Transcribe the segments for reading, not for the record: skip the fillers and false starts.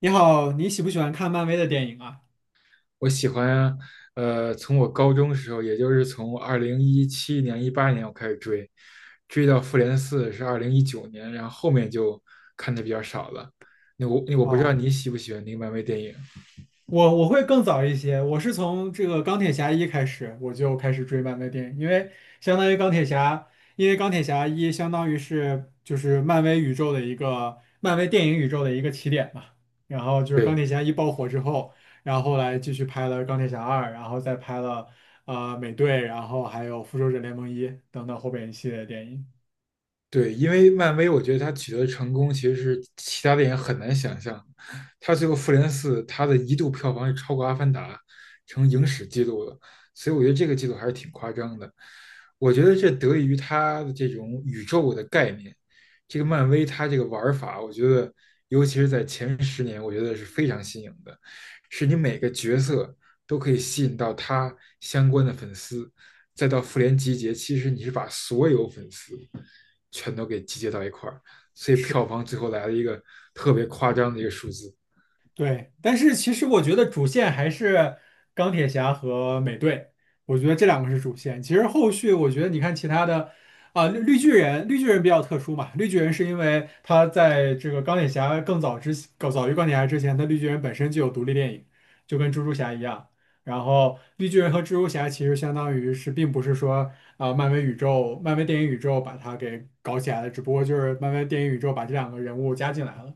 你好，你喜不喜欢看漫威的电影啊？我喜欢，从我高中时候，也就是从二零一七年、一八年我开始追，追到复联四是2019年，然后后面就看的比较少了。那我不知道哦，你喜不喜欢那个漫威电影？我会更早一些，我是从这个钢铁侠一开始，我就开始追漫威电影，因为相当于钢铁侠，因为钢铁侠一相当于是就是漫威宇宙的一个漫威电影宇宙的一个起点嘛。然后就是钢对，铁侠一爆火之后，然后后来继续拍了钢铁侠二，然后再拍了美队，然后还有复仇者联盟一等等后边一系列电影。对，因为漫威，我觉得它取得的成功其实是其他电影很难想象的。他最后《复联四》，它的一度票房是超过《阿凡达》，成影史记录了，所以我觉得这个记录还是挺夸张的。我觉得这得益于它的这种宇宙的概念，这个漫威它这个玩儿法，我觉得尤其是在前十年，我觉得是非常新颖的，是你每个角色都可以吸引到他相关的粉丝，再到复联集结，其实你是把所有粉丝。全都给集结到一块儿，所以票是。房最后来了一个特别夸张的一个数字。对，但是其实我觉得主线还是钢铁侠和美队，我觉得这两个是主线。其实后续我觉得你看其他的，啊、绿巨人，绿巨人比较特殊嘛，绿巨人是因为他在这个钢铁侠更早于钢铁侠之前，他绿巨人本身就有独立电影，就跟蜘蛛侠一样。然后绿巨人和蜘蛛侠其实相当于是，并不是说啊、漫威宇宙、漫威电影宇宙把它给搞起来的，只不过就是漫威电影宇宙把这两个人物加进来了。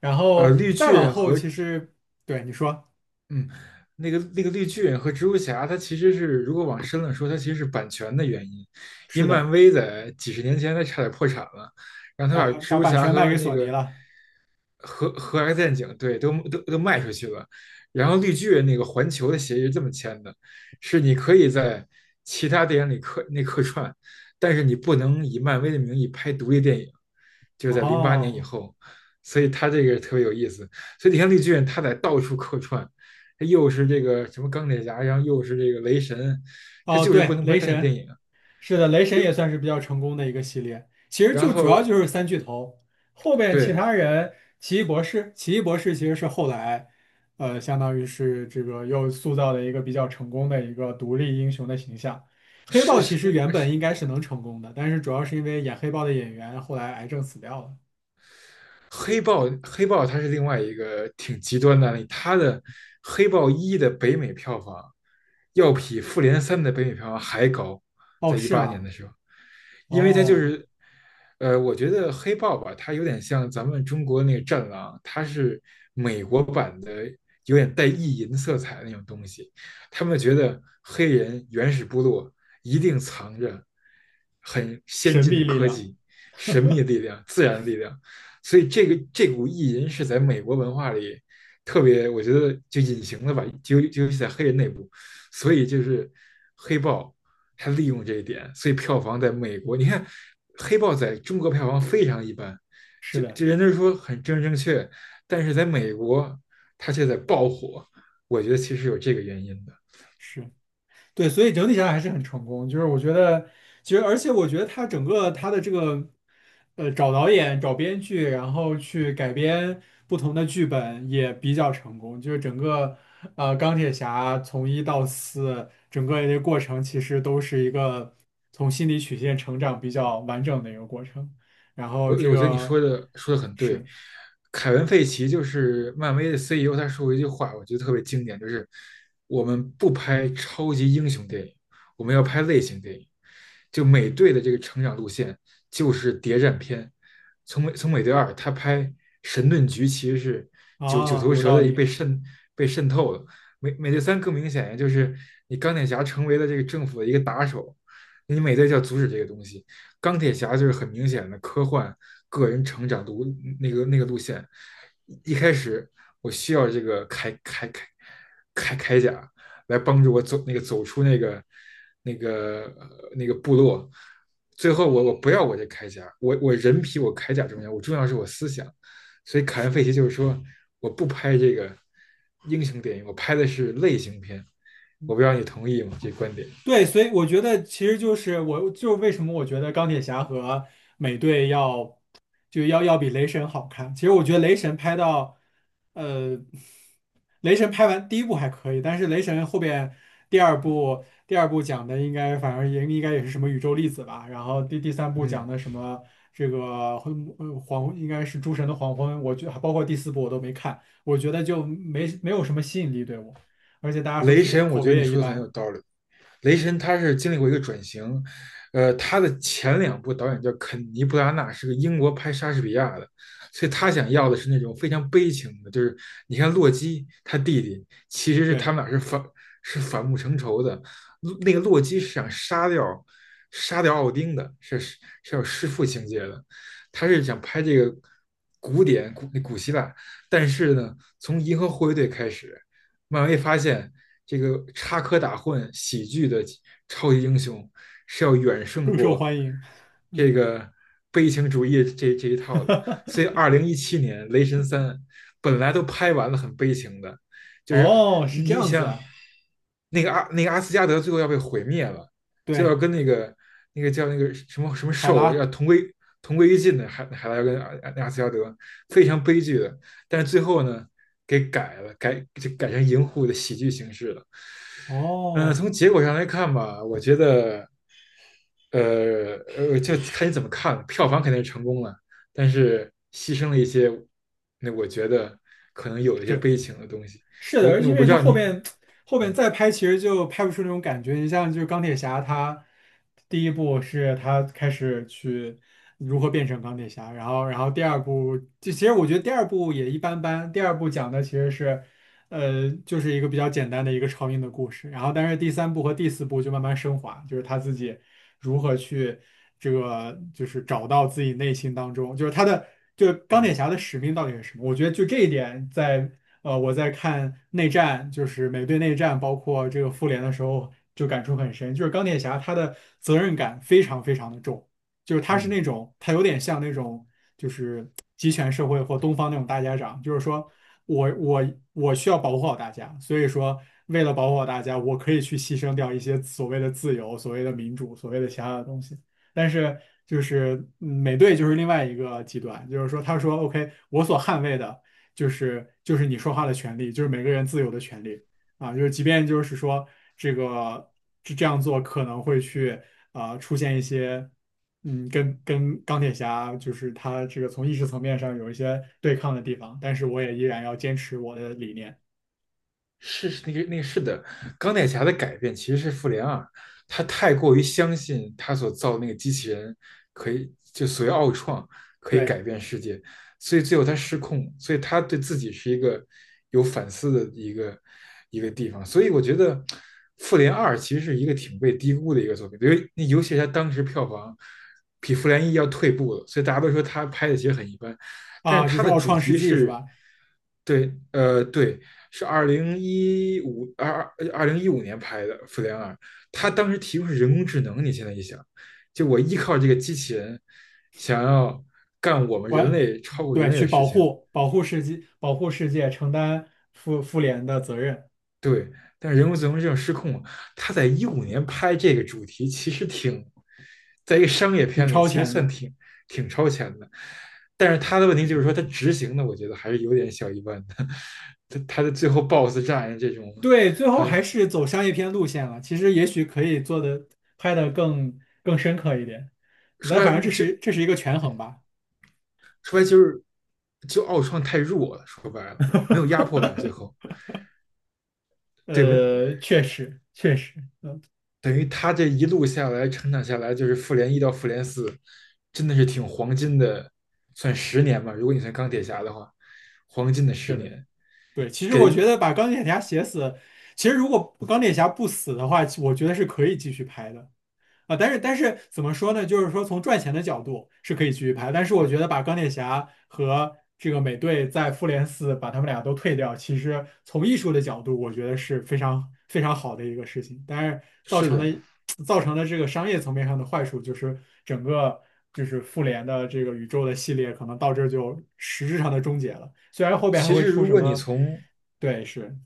然呃，后绿再巨往人后，和其实对你说嗯，那个绿巨人和蜘蛛侠，它其实是如果往深了说，它其实是版权的原因，因是为漫的，威在几十年前它差点破产了，然后他把把蜘把蛛版侠权卖和给那索尼个了。和 X 战警，对，都卖出去了，然后绿巨人那个环球的协议是这么签的，是你可以在其他电影里客串，但是你不能以漫威的名义拍独立电影，就是在2008年以哦后，所以他这个特别有意思，所以你看绿巨人他在到处客串，他又是这个什么钢铁侠，然后又是这个雷神，他哦，就是不对，能拍雷单体电神影，是的，雷神也就算是比较成功的一个系列。其实然就主后要就是三巨头，后边其对。他人，奇异博士，奇异博士其实是后来，相当于是这个又塑造了一个比较成功的一个独立英雄的形象。黑是豹其是实那原个本是应该是能成功的，但是主要是因为演黑豹的演员后来癌症死掉了。黑豹它是另外一个挺极端的案例，黑豹一的北美票房要比复联三的北美票房还高，哦，在一是八年吗？的时候，因为他就哦，是，我觉得黑豹吧，它有点像咱们中国那个战狼，它是美国版的，有点带意淫色彩的那种东西。他们觉得黑人原始部落一定藏着很先神进的秘力科量，技、神秘的力量、自然的力量，所以这股意淫是在美国文化里特别，我觉得就隐形了吧，就尤其在黑人内部，所以就是黑豹。他利用这一点，所以票房在美国，你看《黑豹》在中国票房非常一般，是就的，就人家说很正确，但是在美国它却在爆火，我觉得其实有这个原因的。是对，所以整体上还是很成功。就是我觉得，其实而且我觉得他整个他的这个，找导演、找编剧，然后去改编不同的剧本也比较成功。就是整个钢铁侠从一到四整个的过程，其实都是一个从心理曲线成长比较完整的一个过程。然后我这我觉得你个说的很对，是凯文·费奇就是漫威的 CEO，他说过一句话，我觉得特别经典，就是我们不拍超级英雄电影，我们要拍类型电影。就美队的这个成长路线就是谍战片，从美队二他拍神盾局其实是九九啊，头有蛇道的一被理。渗被渗透了，美队三更明显，呀，就是你钢铁侠成为了这个政府的一个打手，你美队就要阻止这个东西。钢铁侠就是很明显的科幻个人成长路那个那个路线。一开始我需要这个铠甲来帮助我走出那个部落。最后我不要我这铠甲，我人比我铠甲重要，我重要是我思想。所以凯恩·费奇就是说，我不拍这个英雄电影，我拍的是类型片。我不知道你同意吗？这观点。对，所以我觉得其实就是我就是为什么我觉得钢铁侠和美队要就要要比雷神好看。其实我觉得雷神拍到，呃，雷神拍完第一部还可以，但是雷神后边第二部讲的应该反正也应该也是什么宇宙粒子吧，然后第三部讲嗯，的什么这个应该是诸神的黄昏，我觉得包括第四部我都没看，我觉得就没有什么吸引力对我，而且大家说雷票神，我口觉得碑你也一说的很有般，道理。雷神他是经历过一个转型，他的前两部导演叫肯尼·布拉纳，是个英国拍莎士比亚的，所以他想要的是那种非常悲情的，就是你看洛基他弟弟其实是他对。们俩是反目成仇的，那个洛基是想杀掉奥丁的，是有弑父情节的，他是想拍这个古典古希腊，但是呢，从银河护卫队开始。漫威发现这个插科打诨、喜剧的超级英雄是要远 胜更受过欢迎。嗯，这个悲情主义这一套的。所以，二 零一七年《雷神三》本来都拍完了，很悲情的，就是哦，是这你样子想啊，那个阿那个阿斯加德最后要被毁灭了，就要对，跟那个叫那个什么什么海兽拉，要同归于尽的，还来跟阿斯加德，非常悲剧的。但是最后呢，给改了，改就改成银护的喜剧形式了。哦，从结果上来看吧，我觉得，就看你怎么看，票房肯定是成功了，但是牺牲了一些，那我觉得可能有一些是。悲情的东西。是的，我而且因我不为知他道后你，边后边嗯再拍，其实就拍不出那种感觉。你像就是钢铁侠，他第一部是他开始去如何变成钢铁侠，然后第二部，就其实我觉得第二部也一般般。第二部讲的其实是，就是一个比较简单的一个超英的故事。然后但是第三部和第四部就慢慢升华，就是他自己如何去这个就是找到自己内心当中，就是他的。就钢嗯铁侠的使命到底是什么？我觉得就这一点，我在看内战，就是美队内战，包括这个复联的时候，就感触很深。就是钢铁侠他的责任感非常非常的重，就是他是嗯。那种他有点像那种就是集权社会或东方那种大家长，就是说我需要保护好大家，所以说为了保护好大家，我可以去牺牲掉一些所谓的自由、所谓的民主、所谓的其他的东西。但是就是美队就是另外一个极端，就是说他说 OK,我所捍卫的。就是你说话的权利，就是每个人自由的权利啊，就是即便就是说这个这样做可能会去出现一些跟钢铁侠就是他这个从意识层面上有一些对抗的地方，但是我也依然要坚持我的理念。是的，钢铁侠的改变其实是复联二，他太过于相信他所造的那个机器人可以就所谓奥创可以对改变世界，所以最后他失控，所以他对自己是一个有反思的一个地方，所以我觉得复联二其实是一个挺被低估的一个作品，因为那尤其是他当时票房比复联一要退步了，所以大家都说他拍的其实很一般，但是啊，就他是的奥主创世题纪是是。吧？对，对，是2015年拍的《复联二》，他当时提供是人工智能。你现在一想，就我依靠这个机器人，想要干我们人我类超过人对类去的事保情，护保护世界保护世界，承担复联的责任，对。但是人工智能这种失控他在一五年拍这个主题，其实挺，在一个商业挺片里，超其实前算的。挺超前的。但是他的问题就是说，他执行的，我觉得还是有点小一般的。他的最后 BOSS 战这种，对，最后还是还是走商业片路线了。其实也许可以做的拍的更深刻一点，说但白反正了这就是这是一个权衡吧。说白就是就奥创太弱了，说白了没有压迫感，最后对，没有，确实确实等于他这一路下来成长下来，就是复联一到复联四，真的是挺黄金的，算十年吧，如果你算钢铁侠的话，黄金的十是的，年。对。其实我给觉得把钢铁侠写死，其实如果钢铁侠不死的话，我觉得是可以继续拍的。啊，但是怎么说呢？就是说从赚钱的角度是可以继续拍，但是我觉得把钢铁侠和这个美队在复联四把他们俩都退掉，其实从艺术的角度，我觉得是非常非常好的一个事情。但是造是成的的。这个商业层面上的坏处，就是整个就是复联的这个宇宙的系列可能到这儿就实质上的终结了。虽然后边还其会实出如什果你么，从对，是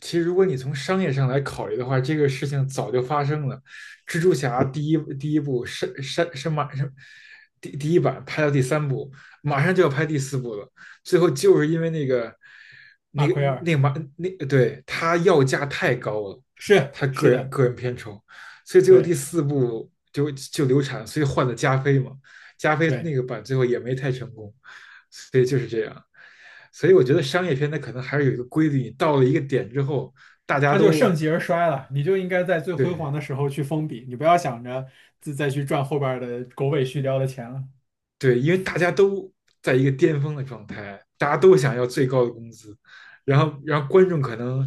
其实如果你从商业上来考虑的话，这个事情早就发生了。蜘蛛侠第一部是马上第一版拍到第三部，马上就要拍第四部了。最后就是因为那个马那个奎尔，那个对他要价太高了，是他个是人的，个人片酬，所以最后对第四部就流产，所以换了加菲嘛。加菲那对。个版最后也没太成功，所以就是这样。所以我觉得商业片它可能还是有一个规律，你到了一个点之后，大家他就盛都极而衰了。你就应该在最辉对，煌的时候去封笔，你不要想着再去赚后边儿的狗尾续貂的钱了。对，因为大家都在一个巅峰的状态，大家都想要最高的工资，然后观众可能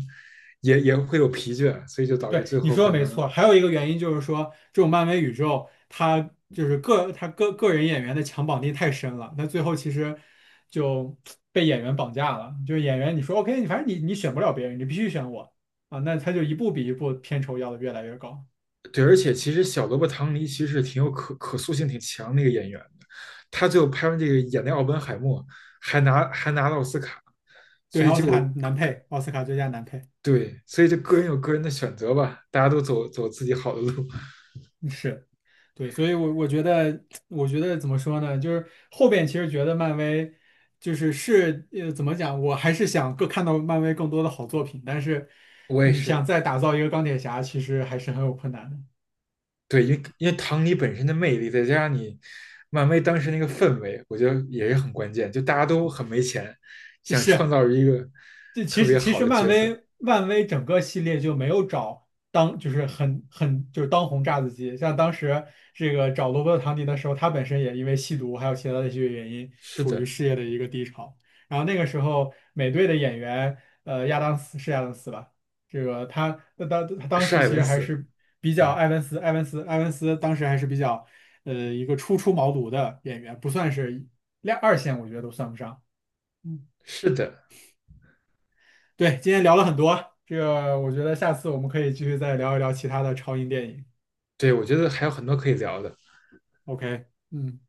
也会有疲倦，所以就导致对，最你后说的可没能错。还有一个原因就是说，这种漫威宇宙，它个人演员的强绑定太深了，那最后其实就被演员绑架了。就是演员，你说 OK,你反正你选不了别人，你必须选我啊，那他就一步比一步片酬要的越来越高。对，而且其实小萝卜唐尼其实挺有可塑性挺强的一个演员的，他最后拍完这个演的奥本海默还拿了奥斯卡，对，所以奥斯卡就男配，奥斯卡最佳男配。对，所以就个人有个人的选择吧，大家都走自己好的路。是，对，所以我觉得怎么说呢？就是后边其实觉得漫威就是怎么讲？我还是想更看到漫威更多的好作品，但是我也你想是，再打造一个钢铁侠，其实还是很有困难的。对，因为唐尼本身的魅力，再加上你漫威当时那个氛围，我觉得也是很关键。就大家都很没钱，想创是，造一个这其特实别其好实的漫角色。威漫威整个系列就没有找当就是很很就是当红炸子鸡，像当时这个找罗伯特唐尼的时候，他本身也因为吸毒还有其他的一些原因，是处于的，事业的一个低潮。然后那个时候美队的演员亚当斯是亚当斯吧，这个他当是时艾其实文还斯，是比较嗯，埃文斯当时还是比较一个初出茅庐的演员，不算是二线，我觉得都算不上。嗯。是的，对，今天聊了很多，这个我觉得下次我们可以继续再聊一聊其他的超英电影。对，我觉得还有很多可以聊的。OK,嗯。